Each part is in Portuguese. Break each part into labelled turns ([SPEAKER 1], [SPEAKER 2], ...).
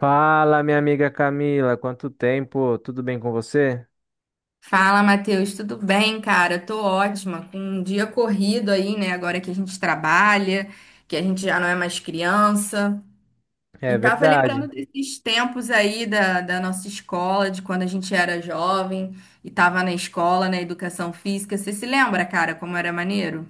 [SPEAKER 1] Fala, minha amiga Camila, quanto tempo? Tudo bem com você?
[SPEAKER 2] Fala, Matheus, tudo bem, cara? Tô ótima, com um dia corrido aí, né? Agora que a gente trabalha, que a gente já não é mais criança. E
[SPEAKER 1] É
[SPEAKER 2] tava lembrando
[SPEAKER 1] verdade.
[SPEAKER 2] desses tempos aí da nossa escola, de quando a gente era jovem e tava na escola, na educação física. Você se lembra, cara, como era maneiro?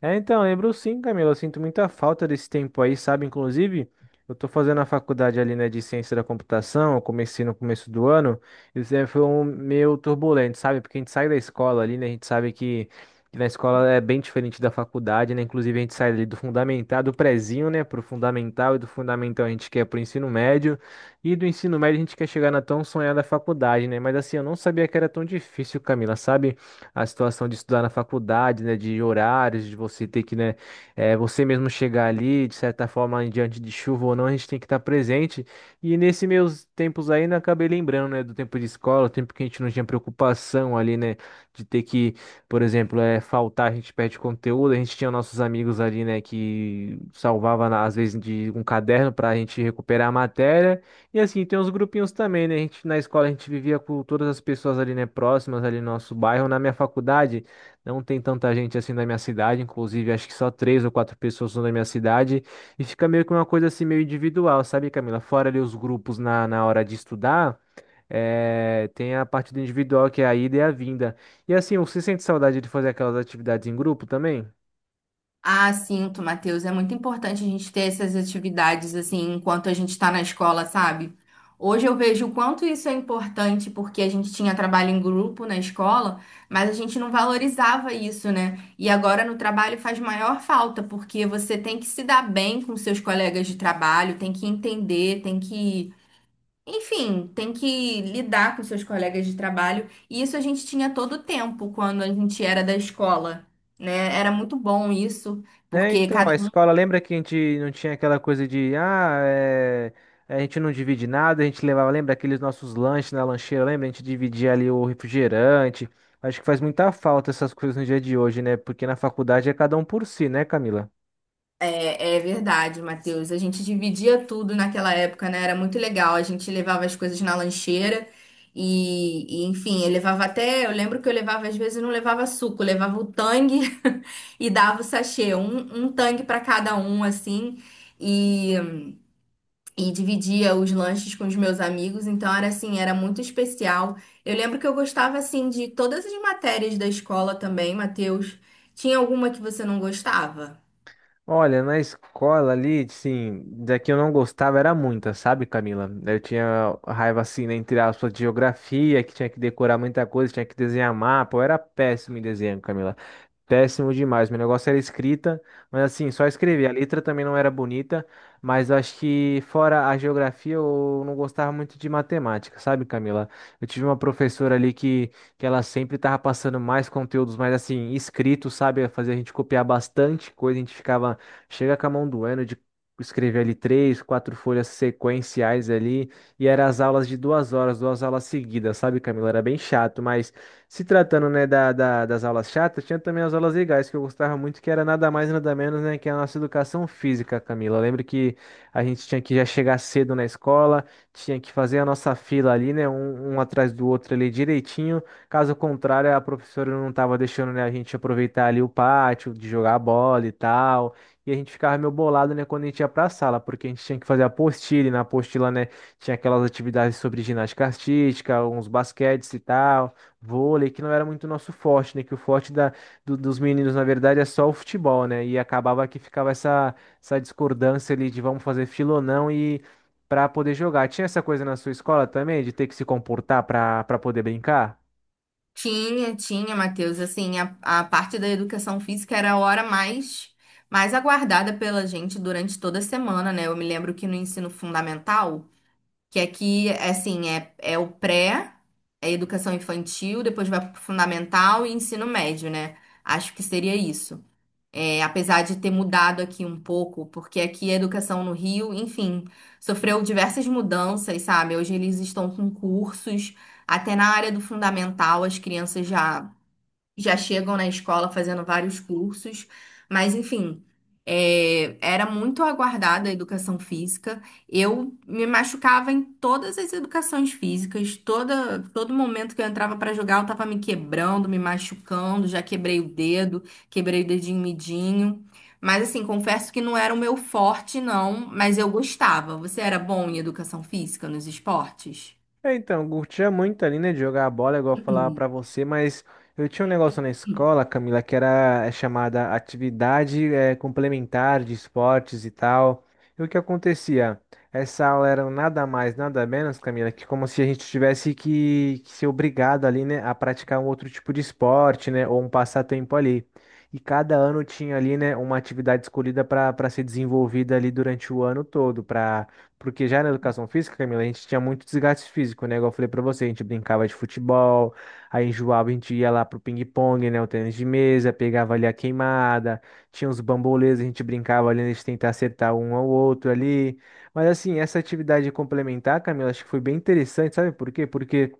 [SPEAKER 1] É, então, lembro sim, Camila. Eu sinto muita falta desse tempo aí, sabe? Inclusive, eu tô fazendo a faculdade ali, né, de ciência da computação. Eu comecei no começo do ano. Isso aí foi um meio turbulento, sabe? Porque a gente sai da escola ali, né? A gente sabe que na escola é bem diferente da faculdade, né? Inclusive, a gente sai ali do fundamental, do prezinho, né, pro fundamental. E do fundamental a gente quer pro ensino médio. E do ensino médio a gente quer chegar na tão sonhada faculdade, né? Mas assim, eu não sabia que era tão difícil, Camila, sabe? A situação de estudar na faculdade, né, de horários, de você ter que, né, você mesmo chegar ali, de certa forma, em diante de chuva ou não, a gente tem que estar presente. E nesse meus tempos aí, né, acabei lembrando, né, do tempo de escola, o tempo que a gente não tinha preocupação ali, né, de ter que, por exemplo, faltar, a gente perde conteúdo, a gente tinha nossos amigos ali, né, que salvava, às vezes, de um caderno para a gente recuperar a matéria. E assim, tem uns grupinhos também, né? A gente, na escola a gente vivia com todas as pessoas ali, né, próximas ali no nosso bairro. Na minha faculdade não tem tanta gente assim da minha cidade, inclusive acho que só três ou quatro pessoas são da minha cidade. E fica meio que uma coisa assim meio individual, sabe, Camila? Fora ali os grupos na hora de estudar. Tem a parte do individual que é a ida e a vinda. E assim, você sente saudade de fazer aquelas atividades em grupo também?
[SPEAKER 2] Ah, sinto, Matheus. É muito importante a gente ter essas atividades assim enquanto a gente está na escola, sabe? Hoje eu vejo o quanto isso é importante porque a gente tinha trabalho em grupo na escola, mas a gente não valorizava isso, né? E agora no trabalho faz maior falta porque você tem que se dar bem com seus colegas de trabalho, tem que entender, tem que, enfim, tem que lidar com seus colegas de trabalho. E isso a gente tinha todo o tempo quando a gente era da escola, né? Era muito bom isso,
[SPEAKER 1] É,
[SPEAKER 2] porque
[SPEAKER 1] então,
[SPEAKER 2] cada
[SPEAKER 1] a
[SPEAKER 2] um.
[SPEAKER 1] escola, lembra que a gente não tinha aquela coisa de, a gente não divide nada, a gente levava, lembra aqueles nossos lanches na lancheira, lembra? A gente dividia ali o refrigerante. Acho que faz muita falta essas coisas no dia de hoje, né? Porque na faculdade é cada um por si, né, Camila?
[SPEAKER 2] É, é verdade, Matheus. A gente dividia tudo naquela época, né? Era muito legal. A gente levava as coisas na lancheira enfim, eu levava até. Eu lembro que eu levava, às vezes, eu não levava suco, eu levava o tangue e dava o sachê, um tangue para cada um, assim. E. e dividia os lanches com os meus amigos, então era assim, era muito especial. Eu lembro que eu gostava assim de todas as matérias da escola também, Matheus. Tinha alguma que você não gostava?
[SPEAKER 1] Olha, na escola ali, sim, daqui eu não gostava era muita, sabe, Camila? Eu tinha raiva, assim, né, entre aspas, de geografia, que tinha que decorar muita coisa, tinha que desenhar mapa, eu era péssimo em desenho, Camila. Péssimo demais. Meu negócio era escrita, mas assim, só escrever. A letra também não era bonita, mas eu acho que fora a geografia, eu não gostava muito de matemática, sabe, Camila? Eu tive uma professora ali que ela sempre tava passando mais conteúdos, mas assim, escrito, sabe? Fazia a gente copiar bastante coisa, a gente ficava, chega com a mão doendo de escrever ali três, quatro folhas sequenciais ali, e eram as aulas de 2 horas, duas aulas seguidas, sabe, Camila? Era bem chato, mas. Se tratando, né, das aulas chatas, tinha também as aulas legais que eu gostava muito, que era nada mais, nada menos, né, que a nossa educação física, Camila. Eu lembro que a gente tinha que já chegar cedo na escola, tinha que fazer a nossa fila ali, né, um atrás do outro ali direitinho. Caso contrário, a professora não estava deixando, né, a gente aproveitar ali o pátio, de jogar bola e tal. E a gente ficava meio bolado, né, quando a gente ia pra sala, porque a gente tinha que fazer a apostila, e na apostila, né, tinha aquelas atividades sobre ginástica artística, uns basquetes e tal vôlei, que não era muito nosso forte, né? Que o forte da, dos meninos, na verdade, é só o futebol, né? E acabava que ficava essa discordância ali de vamos fazer fila ou não e para poder jogar. Tinha essa coisa na sua escola também, de ter que se comportar para poder brincar?
[SPEAKER 2] Tinha, tinha, Matheus. Assim, a parte da educação física era a hora mais aguardada pela gente durante toda a semana, né? Eu me lembro que no ensino fundamental, que aqui, assim, é, o pré, é educação infantil, depois vai pro fundamental e ensino médio, né? Acho que seria isso. É, apesar de ter mudado aqui um pouco, porque aqui a educação no Rio, enfim, sofreu diversas mudanças, sabe? Hoje eles estão com cursos, até na área do fundamental, as crianças já chegam na escola fazendo vários cursos, mas enfim, era muito aguardada a educação física. Eu me machucava em todas as educações físicas, toda, todo momento que eu entrava para jogar, eu estava me quebrando, me machucando, já quebrei o dedo, quebrei o dedinho midinho. Mas assim, confesso que não era o meu forte, não, mas eu gostava. Você era bom em educação física nos esportes?
[SPEAKER 1] É, então, eu curtia muito ali, né, de jogar a bola, igual eu falava pra você, mas eu tinha um negócio na escola, Camila, que era chamada atividade complementar de esportes e tal. E o que acontecia? Essa aula era nada mais, nada menos, Camila, que como se a gente tivesse que ser obrigado ali, né, a praticar um outro tipo de esporte, né, ou um passatempo ali. E cada ano tinha ali, né, uma atividade escolhida para ser desenvolvida ali durante o ano todo, para porque já na educação física, Camila, a gente tinha muito desgaste físico, né? Igual eu falei pra você, a gente brincava de futebol, aí enjoava, a gente ia lá pro ping-pong, né? O tênis de mesa, pegava ali a queimada, tinha uns bambolês, a gente brincava ali, a gente tentar acertar um ao outro ali. Mas assim, essa atividade complementar, Camila, acho que foi bem interessante, sabe por quê? Porque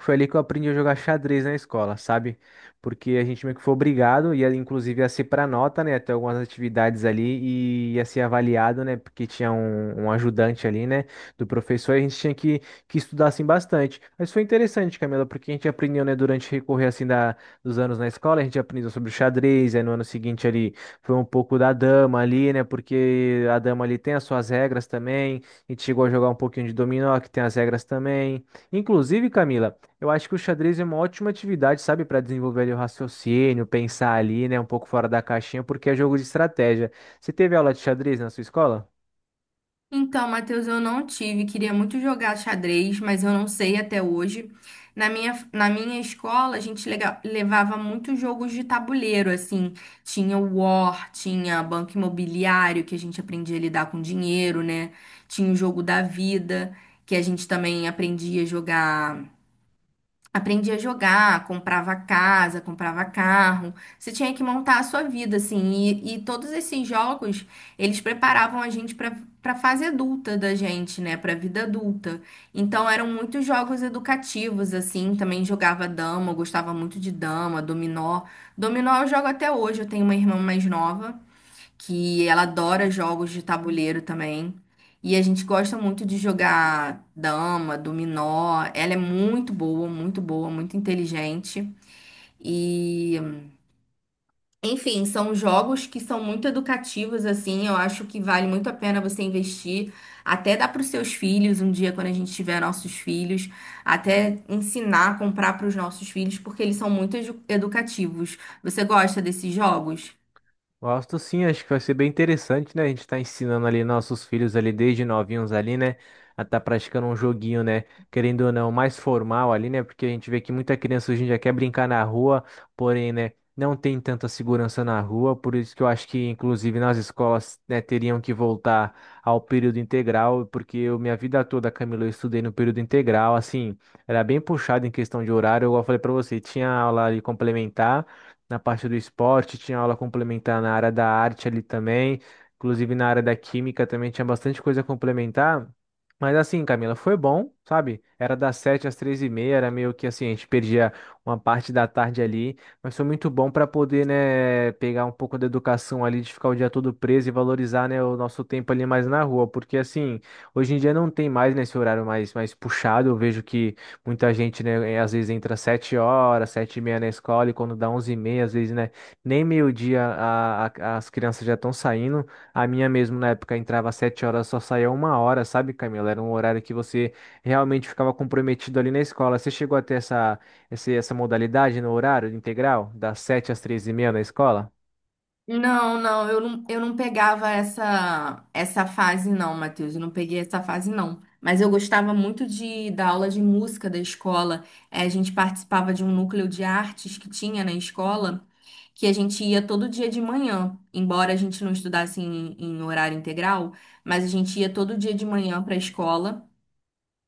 [SPEAKER 1] foi ali que eu aprendi a jogar xadrez na escola, sabe? Porque a gente meio que foi obrigado, ia, inclusive a ser para nota, né? Até algumas atividades ali e ia ser avaliado, né? Porque tinha um, ajudante ali, né? Do professor, e a gente tinha que estudar assim bastante. Mas foi interessante, Camila, porque a gente aprendeu, né, durante o recorrer assim dos anos na escola, a gente aprendeu sobre o xadrez, aí no ano seguinte ali foi um pouco da dama ali, né? Porque a dama ali tem as suas regras também, a gente chegou a jogar um pouquinho de dominó, que tem as regras também. Inclusive, Camila. Eu acho que o xadrez é uma ótima atividade, sabe, para desenvolver ali o raciocínio, pensar ali, né, um pouco fora da caixinha, porque é jogo de estratégia. Você teve aula de xadrez na sua escola?
[SPEAKER 2] Então, Matheus, eu não tive, queria muito jogar xadrez, mas eu não sei até hoje. Na minha escola, a gente levava muitos jogos de tabuleiro, assim. Tinha o War, tinha Banco Imobiliário, que a gente aprendia a lidar com dinheiro, né? Tinha o jogo da vida, que a gente também aprendia a jogar. Aprendi a jogar, comprava casa, comprava carro. Você tinha que montar a sua vida, assim. E todos esses jogos, eles preparavam a gente para fase adulta da gente, né? Para vida adulta. Então eram muitos jogos educativos, assim. Também jogava dama, eu gostava muito de dama, dominó. Dominó eu jogo até hoje. Eu tenho uma irmã mais nova que ela adora jogos de tabuleiro também. E a gente gosta muito de jogar dama, dominó. Ela é muito boa, muito boa, muito inteligente. E, enfim, são jogos que são muito educativos, assim. Eu acho que vale muito a pena você investir, até dar para os seus filhos um dia, quando a gente tiver nossos filhos, até ensinar, comprar para os nossos filhos, porque eles são muito edu- educativos. Você gosta desses jogos?
[SPEAKER 1] Gosto sim, acho que vai ser bem interessante, né? A gente tá ensinando ali nossos filhos ali desde novinhos ali, né? A tá praticando um joguinho, né? Querendo ou não, mais formal ali, né? Porque a gente vê que muita criança hoje em dia quer brincar na rua, porém, né? Não tem tanta segurança na rua, por isso que eu acho que, inclusive, nas escolas, né, teriam que voltar ao período integral, porque eu, minha vida toda, Camilo, eu estudei no período integral, assim, era bem puxado em questão de horário, igual eu falei pra você, tinha aula ali complementar na parte do esporte, tinha aula complementar na área da arte ali também, inclusive na área da química também tinha bastante coisa complementar. Mas assim, Camila, foi bom, sabe? Era das 7h às 15h30, era meio que assim, a gente perdia uma parte da tarde ali, mas foi muito bom para poder, né, pegar um pouco da educação ali, de ficar o dia todo preso e valorizar, né, o nosso tempo ali mais na rua, porque assim, hoje em dia não tem mais nesse horário mais, puxado, eu vejo que muita gente, né, às vezes entra 7h, 7h30 na escola e quando dá 11h30, às vezes, né, nem meio-dia as crianças já estão saindo. A minha mesmo, na época, entrava 7h, só saía 1h, sabe, Camila? Era um horário que você realmente ficava comprometido ali na escola. Você chegou a ter essa, essa modalidade no horário integral, das 7h às 15h30 na escola?
[SPEAKER 2] Não, não, eu não pegava essa fase não, Matheus, eu não peguei essa fase não. Mas eu gostava muito de da aula de música da escola. A gente participava de um núcleo de artes que tinha na escola, que a gente ia todo dia de manhã, embora a gente não estudasse em horário integral, mas a gente ia todo dia de manhã para a escola.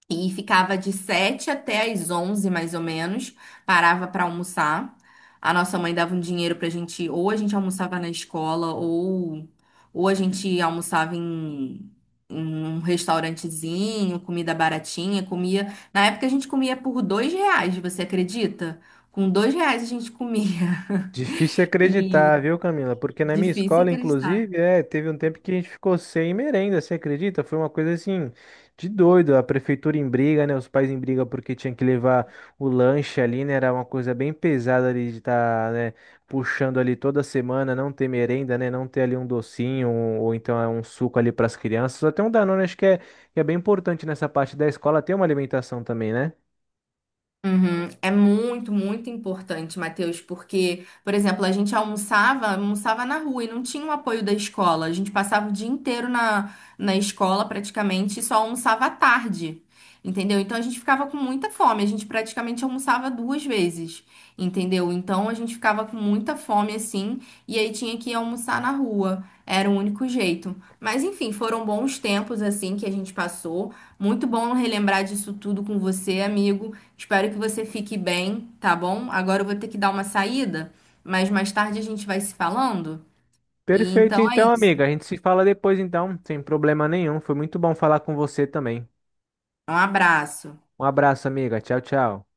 [SPEAKER 2] E ficava de 7h até as 11h mais ou menos. Parava para almoçar. A nossa mãe dava um dinheiro pra gente, ou a gente almoçava na escola, ou a gente almoçava em um restaurantezinho, comida baratinha, comia. Na época a gente comia por R$ 2, você acredita? Com R$ 2 a gente comia.
[SPEAKER 1] Difícil
[SPEAKER 2] E
[SPEAKER 1] acreditar, viu, Camila? Porque na minha
[SPEAKER 2] difícil
[SPEAKER 1] escola,
[SPEAKER 2] acreditar.
[SPEAKER 1] inclusive, teve um tempo que a gente ficou sem merenda, você acredita? Foi uma coisa assim de doido. A prefeitura em briga, né? Os pais em briga porque tinha que levar o lanche ali, né? Era uma coisa bem pesada ali de estar, né, puxando ali toda semana, não ter merenda, né? Não ter ali um docinho ou então é um suco ali para as crianças. Até um Danone, acho que é bem importante nessa parte da escola ter uma alimentação também, né?
[SPEAKER 2] Uhum. É muito, muito importante, Matheus, porque, por exemplo, a gente almoçava na rua e não tinha o apoio da escola. A gente passava o dia inteiro na escola praticamente e só almoçava à tarde, entendeu? Então a gente ficava com muita fome, a gente praticamente almoçava duas vezes, entendeu? Então a gente ficava com muita fome assim e aí tinha que ir almoçar na rua. Era o único jeito. Mas enfim, foram bons tempos assim que a gente passou. Muito bom relembrar disso tudo com você, amigo. Espero que você fique bem, tá bom? Agora eu vou ter que dar uma saída, mas mais tarde a gente vai se falando. E
[SPEAKER 1] Perfeito,
[SPEAKER 2] então é
[SPEAKER 1] então,
[SPEAKER 2] isso.
[SPEAKER 1] amiga. A gente se fala depois, então, sem problema nenhum. Foi muito bom falar com você também.
[SPEAKER 2] Um abraço.
[SPEAKER 1] Um abraço, amiga. Tchau, tchau.